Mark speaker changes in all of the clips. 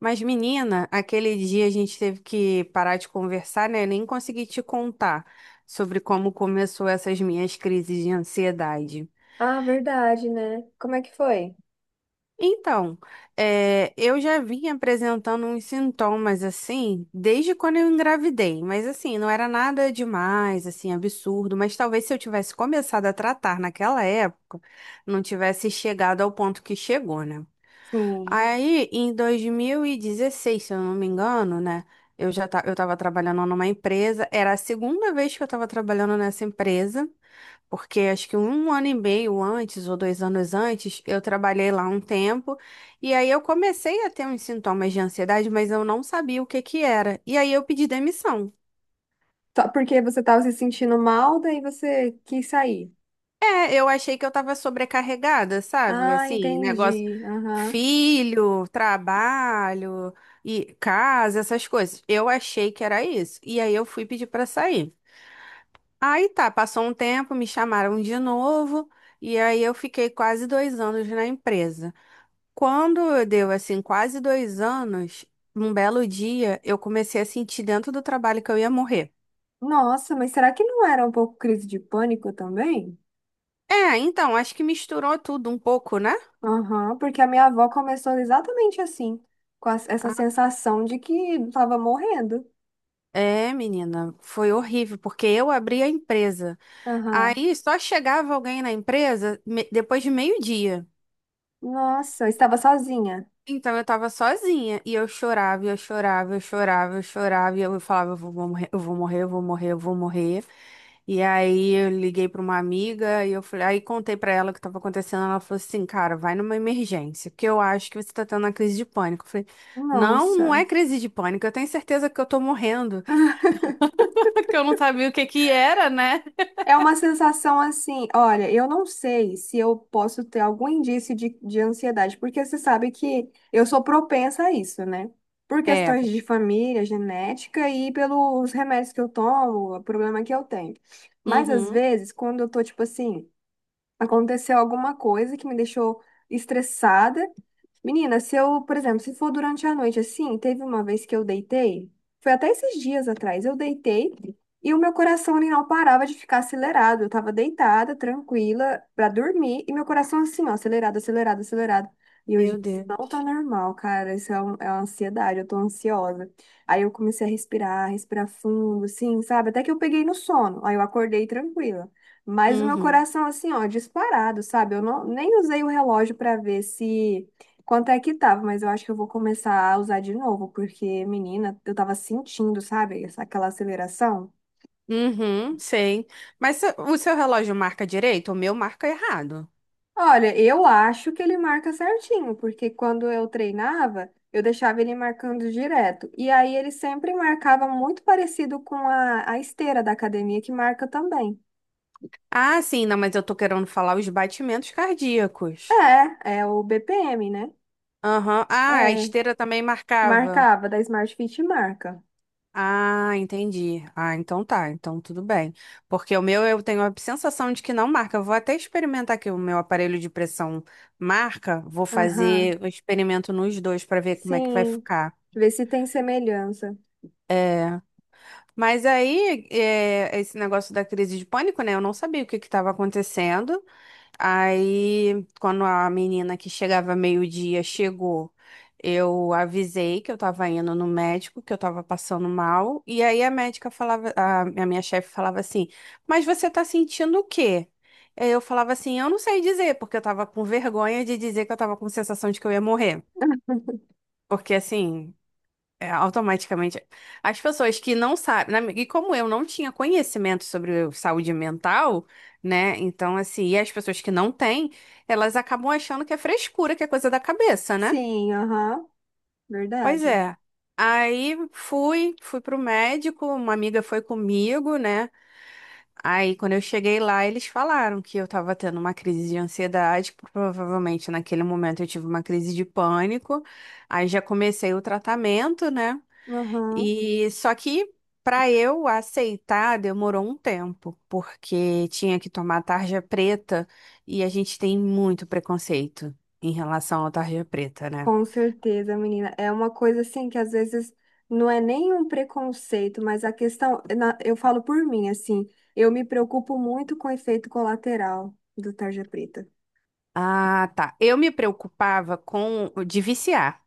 Speaker 1: Mas, menina, aquele dia a gente teve que parar de conversar, né? Nem consegui te contar sobre como começou essas minhas crises de ansiedade.
Speaker 2: Ah, verdade, né? Como é que foi?
Speaker 1: Então, eu já vim apresentando uns sintomas assim desde quando eu engravidei, mas assim, não era nada demais, assim, absurdo, mas talvez se eu tivesse começado a tratar naquela época, não tivesse chegado ao ponto que chegou, né?
Speaker 2: Sim.
Speaker 1: Aí, em 2016, se eu não me engano, né? Eu estava trabalhando numa empresa. Era a segunda vez que eu estava trabalhando nessa empresa, porque acho que um ano e meio antes ou dois anos antes, eu trabalhei lá um tempo. E aí eu comecei a ter uns sintomas de ansiedade, mas eu não sabia o que que era. E aí eu pedi demissão.
Speaker 2: Só porque você tava se sentindo mal, daí você quis sair.
Speaker 1: Eu achei que eu tava sobrecarregada, sabe?
Speaker 2: Ah,
Speaker 1: Assim, negócio,
Speaker 2: entendi. Aham.
Speaker 1: filho, trabalho e casa, essas coisas. Eu achei que era isso. E aí eu fui pedir pra sair. Aí tá, passou um tempo, me chamaram de novo, e aí eu fiquei quase dois anos na empresa. Quando eu deu assim, quase dois anos, um belo dia, eu comecei a sentir dentro do trabalho que eu ia morrer.
Speaker 2: Nossa, mas será que não era um pouco crise de pânico também?
Speaker 1: Então, acho que misturou tudo um pouco, né?
Speaker 2: Aham, porque a minha avó começou exatamente assim, com essa sensação de que estava morrendo.
Speaker 1: É, menina, foi horrível, porque eu abri a empresa.
Speaker 2: Aham.
Speaker 1: Aí só chegava alguém na empresa depois de meio-dia.
Speaker 2: Nossa, estava sozinha.
Speaker 1: Então eu tava sozinha e eu chorava, eu chorava, eu chorava, e eu falava, eu vou morrer, eu vou morrer, eu vou morrer, eu vou morrer. E aí eu liguei pra uma amiga e eu falei, aí contei pra ela o que tava acontecendo, ela falou assim, cara, vai numa emergência, porque eu acho que você tá tendo uma crise de pânico. Eu falei, não, não é
Speaker 2: Nossa.
Speaker 1: crise de pânico, eu tenho certeza que eu tô morrendo, porque eu não sabia o que que era, né?
Speaker 2: É uma sensação assim, olha, eu não sei se eu posso ter algum indício de ansiedade, porque você sabe que eu sou propensa a isso, né? Por
Speaker 1: É.
Speaker 2: questões de família, genética e pelos remédios que eu tomo, o problema que eu tenho. Mas às
Speaker 1: Uhum.
Speaker 2: vezes, quando eu tô, tipo assim, aconteceu alguma coisa que me deixou estressada. Menina, se eu, por exemplo, se for durante a noite assim, teve uma vez que eu deitei, foi até esses dias atrás, eu deitei e o meu coração ele não parava de ficar acelerado. Eu tava deitada, tranquila, pra dormir, e meu coração assim, ó, acelerado, acelerado, acelerado. E eu,
Speaker 1: Meu
Speaker 2: gente, isso
Speaker 1: Deus.
Speaker 2: não tá normal, cara. É uma ansiedade, eu tô ansiosa. Aí eu comecei a respirar, respirar fundo, assim, sabe? Até que eu peguei no sono. Aí eu acordei tranquila. Mas o meu
Speaker 1: Uhum.
Speaker 2: coração, assim, ó, disparado, sabe? Eu não, nem usei o relógio pra ver se. Quanto é que tava, mas eu acho que eu vou começar a usar de novo, porque, menina, eu tava sentindo, sabe, aquela aceleração.
Speaker 1: Uhum, sei. Mas o seu relógio marca direito? O meu marca errado.
Speaker 2: Olha, eu acho que ele marca certinho, porque quando eu treinava, eu deixava ele marcando direto. E aí ele sempre marcava muito parecido com a esteira da academia, que marca também.
Speaker 1: Ah, sim, não, mas eu tô querendo falar os batimentos cardíacos.
Speaker 2: É, é o BPM, né?
Speaker 1: Aham. Ah, a
Speaker 2: É,
Speaker 1: esteira também marcava.
Speaker 2: marcava, da Smart Fit marca.
Speaker 1: Ah, entendi. Ah, então tá, então tudo bem. Porque o meu eu tenho a sensação de que não marca. Eu vou até experimentar aqui o meu aparelho de pressão marca. Vou
Speaker 2: Aham,
Speaker 1: fazer o experimento nos dois para ver como é que vai
Speaker 2: sim.
Speaker 1: ficar.
Speaker 2: Ver se tem semelhança.
Speaker 1: Mas aí, esse negócio da crise de pânico, né? Eu não sabia o que que estava acontecendo. Aí, quando a menina que chegava meio-dia chegou, eu avisei que eu estava indo no médico, que eu estava passando mal. E aí a médica falava, a minha chefe falava assim: Mas você está sentindo o quê? Aí eu falava assim: Eu não sei dizer, porque eu estava com vergonha de dizer que eu estava com sensação de que eu ia morrer. Porque assim. É, automaticamente. As pessoas que não sabem, na e como eu não tinha conhecimento sobre saúde mental, né? Então, assim, e as pessoas que não têm, elas acabam achando que é frescura, que é coisa da cabeça, né?
Speaker 2: Sim, aham,
Speaker 1: Pois
Speaker 2: verdade.
Speaker 1: é. Aí fui, fui pro médico, uma amiga foi comigo, né? Aí quando eu cheguei lá, eles falaram que eu tava tendo uma crise de ansiedade, provavelmente naquele momento eu tive uma crise de pânico. Aí já comecei o tratamento, né?
Speaker 2: Aham,
Speaker 1: E só que para eu aceitar demorou um tempo, porque tinha que tomar tarja preta e a gente tem muito preconceito em relação à tarja preta, né?
Speaker 2: com certeza, menina. É uma coisa assim que às vezes não é nem um preconceito, mas eu falo por mim, assim, eu me preocupo muito com o efeito colateral do tarja preta.
Speaker 1: Ah, tá. Eu me preocupava com de viciar.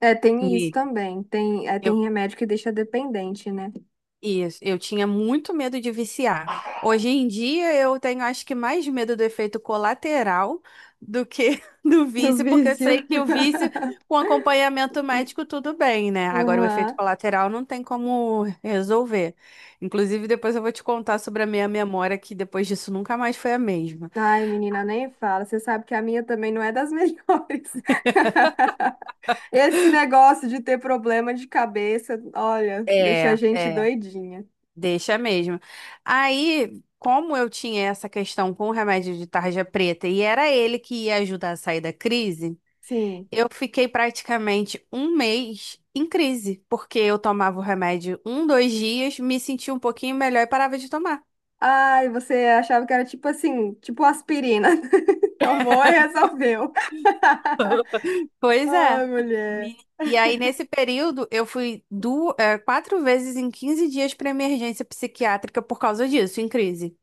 Speaker 2: É, tem isso
Speaker 1: E
Speaker 2: também. Tem, é,
Speaker 1: eu,
Speaker 2: tem remédio que deixa dependente, né?
Speaker 1: Isso, eu tinha muito medo de viciar. Hoje em dia eu tenho acho que mais medo do efeito colateral do que do
Speaker 2: Do
Speaker 1: vício, porque eu sei
Speaker 2: vício.
Speaker 1: que o vício com acompanhamento médico tudo bem, né? Agora o
Speaker 2: Aham.
Speaker 1: efeito colateral não tem como resolver. Inclusive depois eu vou te contar sobre a minha memória que depois disso nunca mais foi a mesma.
Speaker 2: Ai, menina, nem fala. Você sabe que a minha também não é das melhores. Esse negócio de ter problema de cabeça, olha, deixa a
Speaker 1: É,
Speaker 2: gente
Speaker 1: é,
Speaker 2: doidinha.
Speaker 1: deixa mesmo. Aí, como eu tinha essa questão com o remédio de tarja preta e era ele que ia ajudar a sair da crise,
Speaker 2: Sim.
Speaker 1: eu fiquei praticamente um mês em crise, porque eu tomava o remédio um, dois dias, me sentia um pouquinho melhor e parava de tomar.
Speaker 2: Ai, você achava que era tipo assim, tipo aspirina. Tomou e resolveu.
Speaker 1: Pois
Speaker 2: Ai,
Speaker 1: é. Me-
Speaker 2: mulher.
Speaker 1: E aí, nesse período, eu fui quatro vezes em 15 dias para emergência psiquiátrica por causa disso, em crise.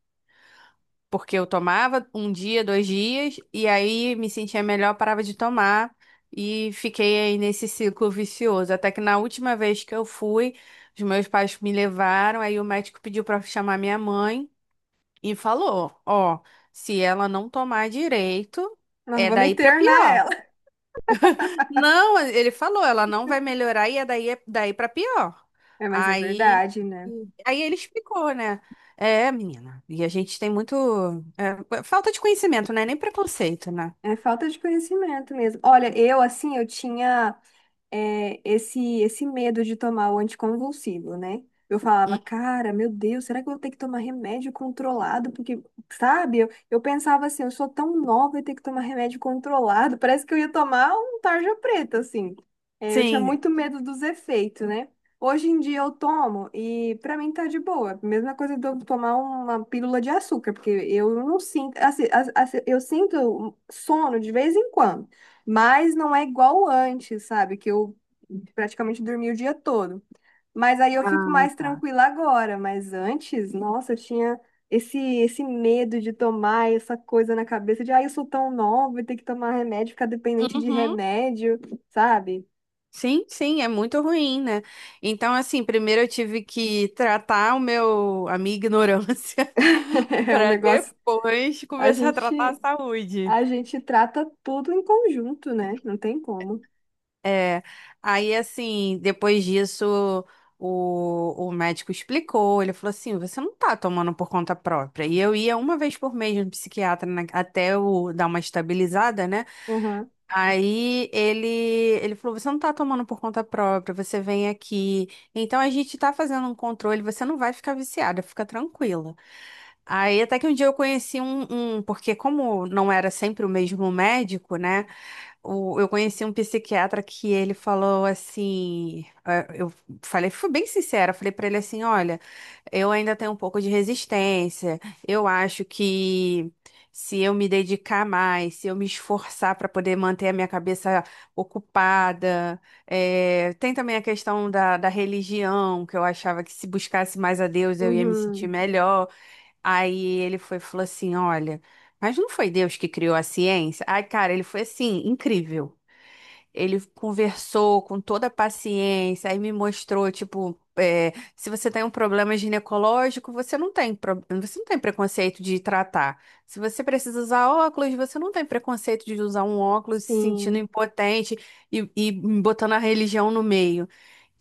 Speaker 1: Porque eu tomava um dia, dois dias, e aí me sentia melhor, parava de tomar e fiquei aí nesse ciclo vicioso. Até que na última vez que eu fui, os meus pais me levaram, aí o médico pediu para chamar minha mãe e falou: Ó, se ela não tomar direito,
Speaker 2: Nós
Speaker 1: é
Speaker 2: vamos
Speaker 1: daí para
Speaker 2: internar
Speaker 1: pior.
Speaker 2: ela.
Speaker 1: Não, ele falou, ela não vai melhorar e é daí pra pior.
Speaker 2: É, mas é
Speaker 1: Aí,
Speaker 2: verdade, né?
Speaker 1: aí ele explicou, né? É, menina, e a gente tem muito. É, falta de conhecimento, né? Nem preconceito, né?
Speaker 2: É falta de conhecimento mesmo. Olha, eu assim, eu tinha. É, esse medo de tomar o anticonvulsivo, né? Eu falava, cara, meu Deus, será que eu vou ter que tomar remédio controlado? Porque, sabe, eu pensava assim, eu sou tão nova e ter que tomar remédio controlado. Parece que eu ia tomar um tarja preta, assim. É, eu tinha
Speaker 1: Sim.
Speaker 2: muito medo dos efeitos, né? Hoje em dia eu tomo e pra mim tá de boa. Mesma coisa de eu tomar uma pílula de açúcar, porque eu não sinto, assim, eu sinto sono de vez em quando. Mas não é igual antes, sabe? Que eu praticamente dormi o dia todo. Mas aí eu fico
Speaker 1: Ah,
Speaker 2: mais
Speaker 1: tá.
Speaker 2: tranquila agora. Mas antes, nossa, eu tinha esse medo de tomar essa coisa na cabeça de, ah, eu sou tão nova, ter que tomar remédio, ficar dependente de
Speaker 1: Uhum.
Speaker 2: remédio, sabe?
Speaker 1: Sim, sim, é muito ruim, né? Então, assim, primeiro eu tive que tratar a minha ignorância,
Speaker 2: É um
Speaker 1: para
Speaker 2: negócio.
Speaker 1: depois
Speaker 2: A
Speaker 1: começar a
Speaker 2: gente,
Speaker 1: tratar a saúde.
Speaker 2: a gente trata tudo em conjunto, né? Não tem como.
Speaker 1: É, aí assim, depois disso, o médico explicou, ele falou assim, você não tá tomando por conta própria. E eu ia uma vez por mês no psiquiatra, até eu dar uma estabilizada, né?
Speaker 2: Aham.
Speaker 1: Aí ele falou, você não tá tomando por conta própria, você vem aqui. Então a gente tá fazendo um controle, você não vai ficar viciada, fica tranquila. Aí até que um dia eu conheci porque como não era sempre o mesmo médico, né? Eu conheci um psiquiatra que ele falou assim, eu falei, fui bem sincera, falei pra ele assim, olha, eu ainda tenho um pouco de resistência. Eu acho que se eu me dedicar mais, se eu me esforçar para poder manter a minha cabeça ocupada, tem também a questão da religião, que eu achava que se buscasse mais a Deus eu ia me sentir
Speaker 2: Uhum.
Speaker 1: melhor. Aí ele foi, falou assim: Olha, mas não foi Deus que criou a ciência? Ai, cara, ele foi assim, incrível. Ele conversou com toda a paciência, aí me mostrou, tipo, se você tem um problema ginecológico, você não tem, você não tem preconceito de tratar. Se você precisa usar óculos, você não tem preconceito de usar um óculos se sentindo
Speaker 2: Sim.
Speaker 1: impotente e botando a religião no meio.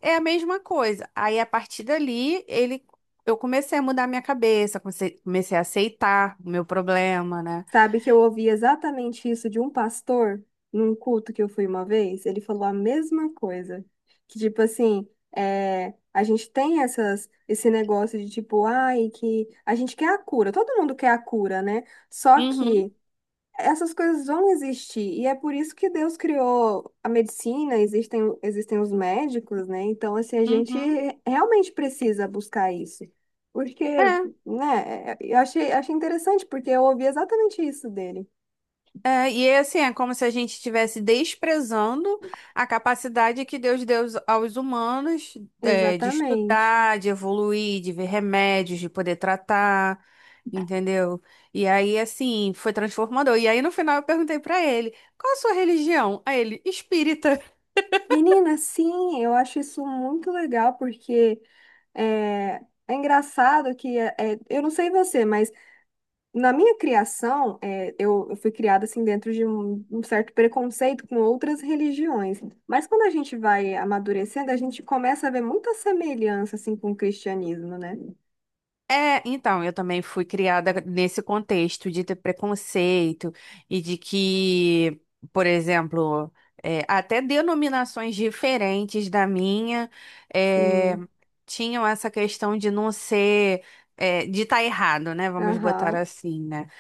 Speaker 1: É a mesma coisa. Aí, a partir dali, eu comecei a mudar minha cabeça, comecei, comecei a aceitar o meu problema, né?
Speaker 2: Sabe que eu ouvi exatamente isso de um pastor num culto que eu fui uma vez? Ele falou a mesma coisa. Que tipo assim, é, a gente tem essas, esse negócio de tipo, ai, que a gente quer a cura, todo mundo quer a cura, né? Só
Speaker 1: Uhum,
Speaker 2: que essas coisas vão existir, e é por isso que Deus criou a medicina, existem, existem os médicos, né? Então, assim, a gente
Speaker 1: uhum.
Speaker 2: realmente precisa buscar isso. Porque,
Speaker 1: É,
Speaker 2: né, é, eu achei, achei interessante, porque eu ouvi exatamente isso dele.
Speaker 1: é, e é assim, é como se a gente estivesse desprezando a capacidade que Deus deu aos humanos, é, de
Speaker 2: Exatamente.
Speaker 1: estudar, de evoluir, de ver remédios, de poder tratar, entendeu? E aí, assim, foi transformador. E aí, no final, eu perguntei pra ele, qual a sua religião? Aí ele, espírita.
Speaker 2: Menina, sim, eu acho isso muito legal, porque é, é engraçado que, é, é, eu não sei você, mas na minha criação, é, eu fui criada assim dentro de um certo preconceito com outras religiões. Mas quando a gente vai amadurecendo, a gente começa a ver muita semelhança assim com o cristianismo, né?
Speaker 1: É, então, eu também fui criada nesse contexto de ter preconceito e de que, por exemplo, até denominações diferentes da minha é,
Speaker 2: Sim.
Speaker 1: tinham essa questão de não ser, de estar errado, né? Vamos botar
Speaker 2: Aham.
Speaker 1: assim, né?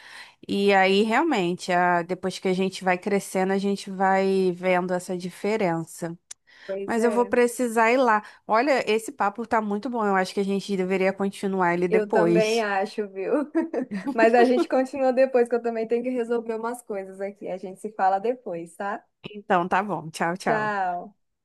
Speaker 1: E aí, realmente, depois que a gente vai crescendo, a gente vai vendo essa diferença.
Speaker 2: Pois
Speaker 1: Mas eu vou
Speaker 2: é,
Speaker 1: precisar ir lá. Olha, esse papo tá muito bom. Eu acho que a gente deveria continuar ele
Speaker 2: eu também
Speaker 1: depois.
Speaker 2: acho, viu? Mas a gente continua depois, que eu também tenho que resolver umas coisas aqui. A gente se fala depois, tá?
Speaker 1: Então, tá bom. Tchau, tchau.
Speaker 2: Tchau.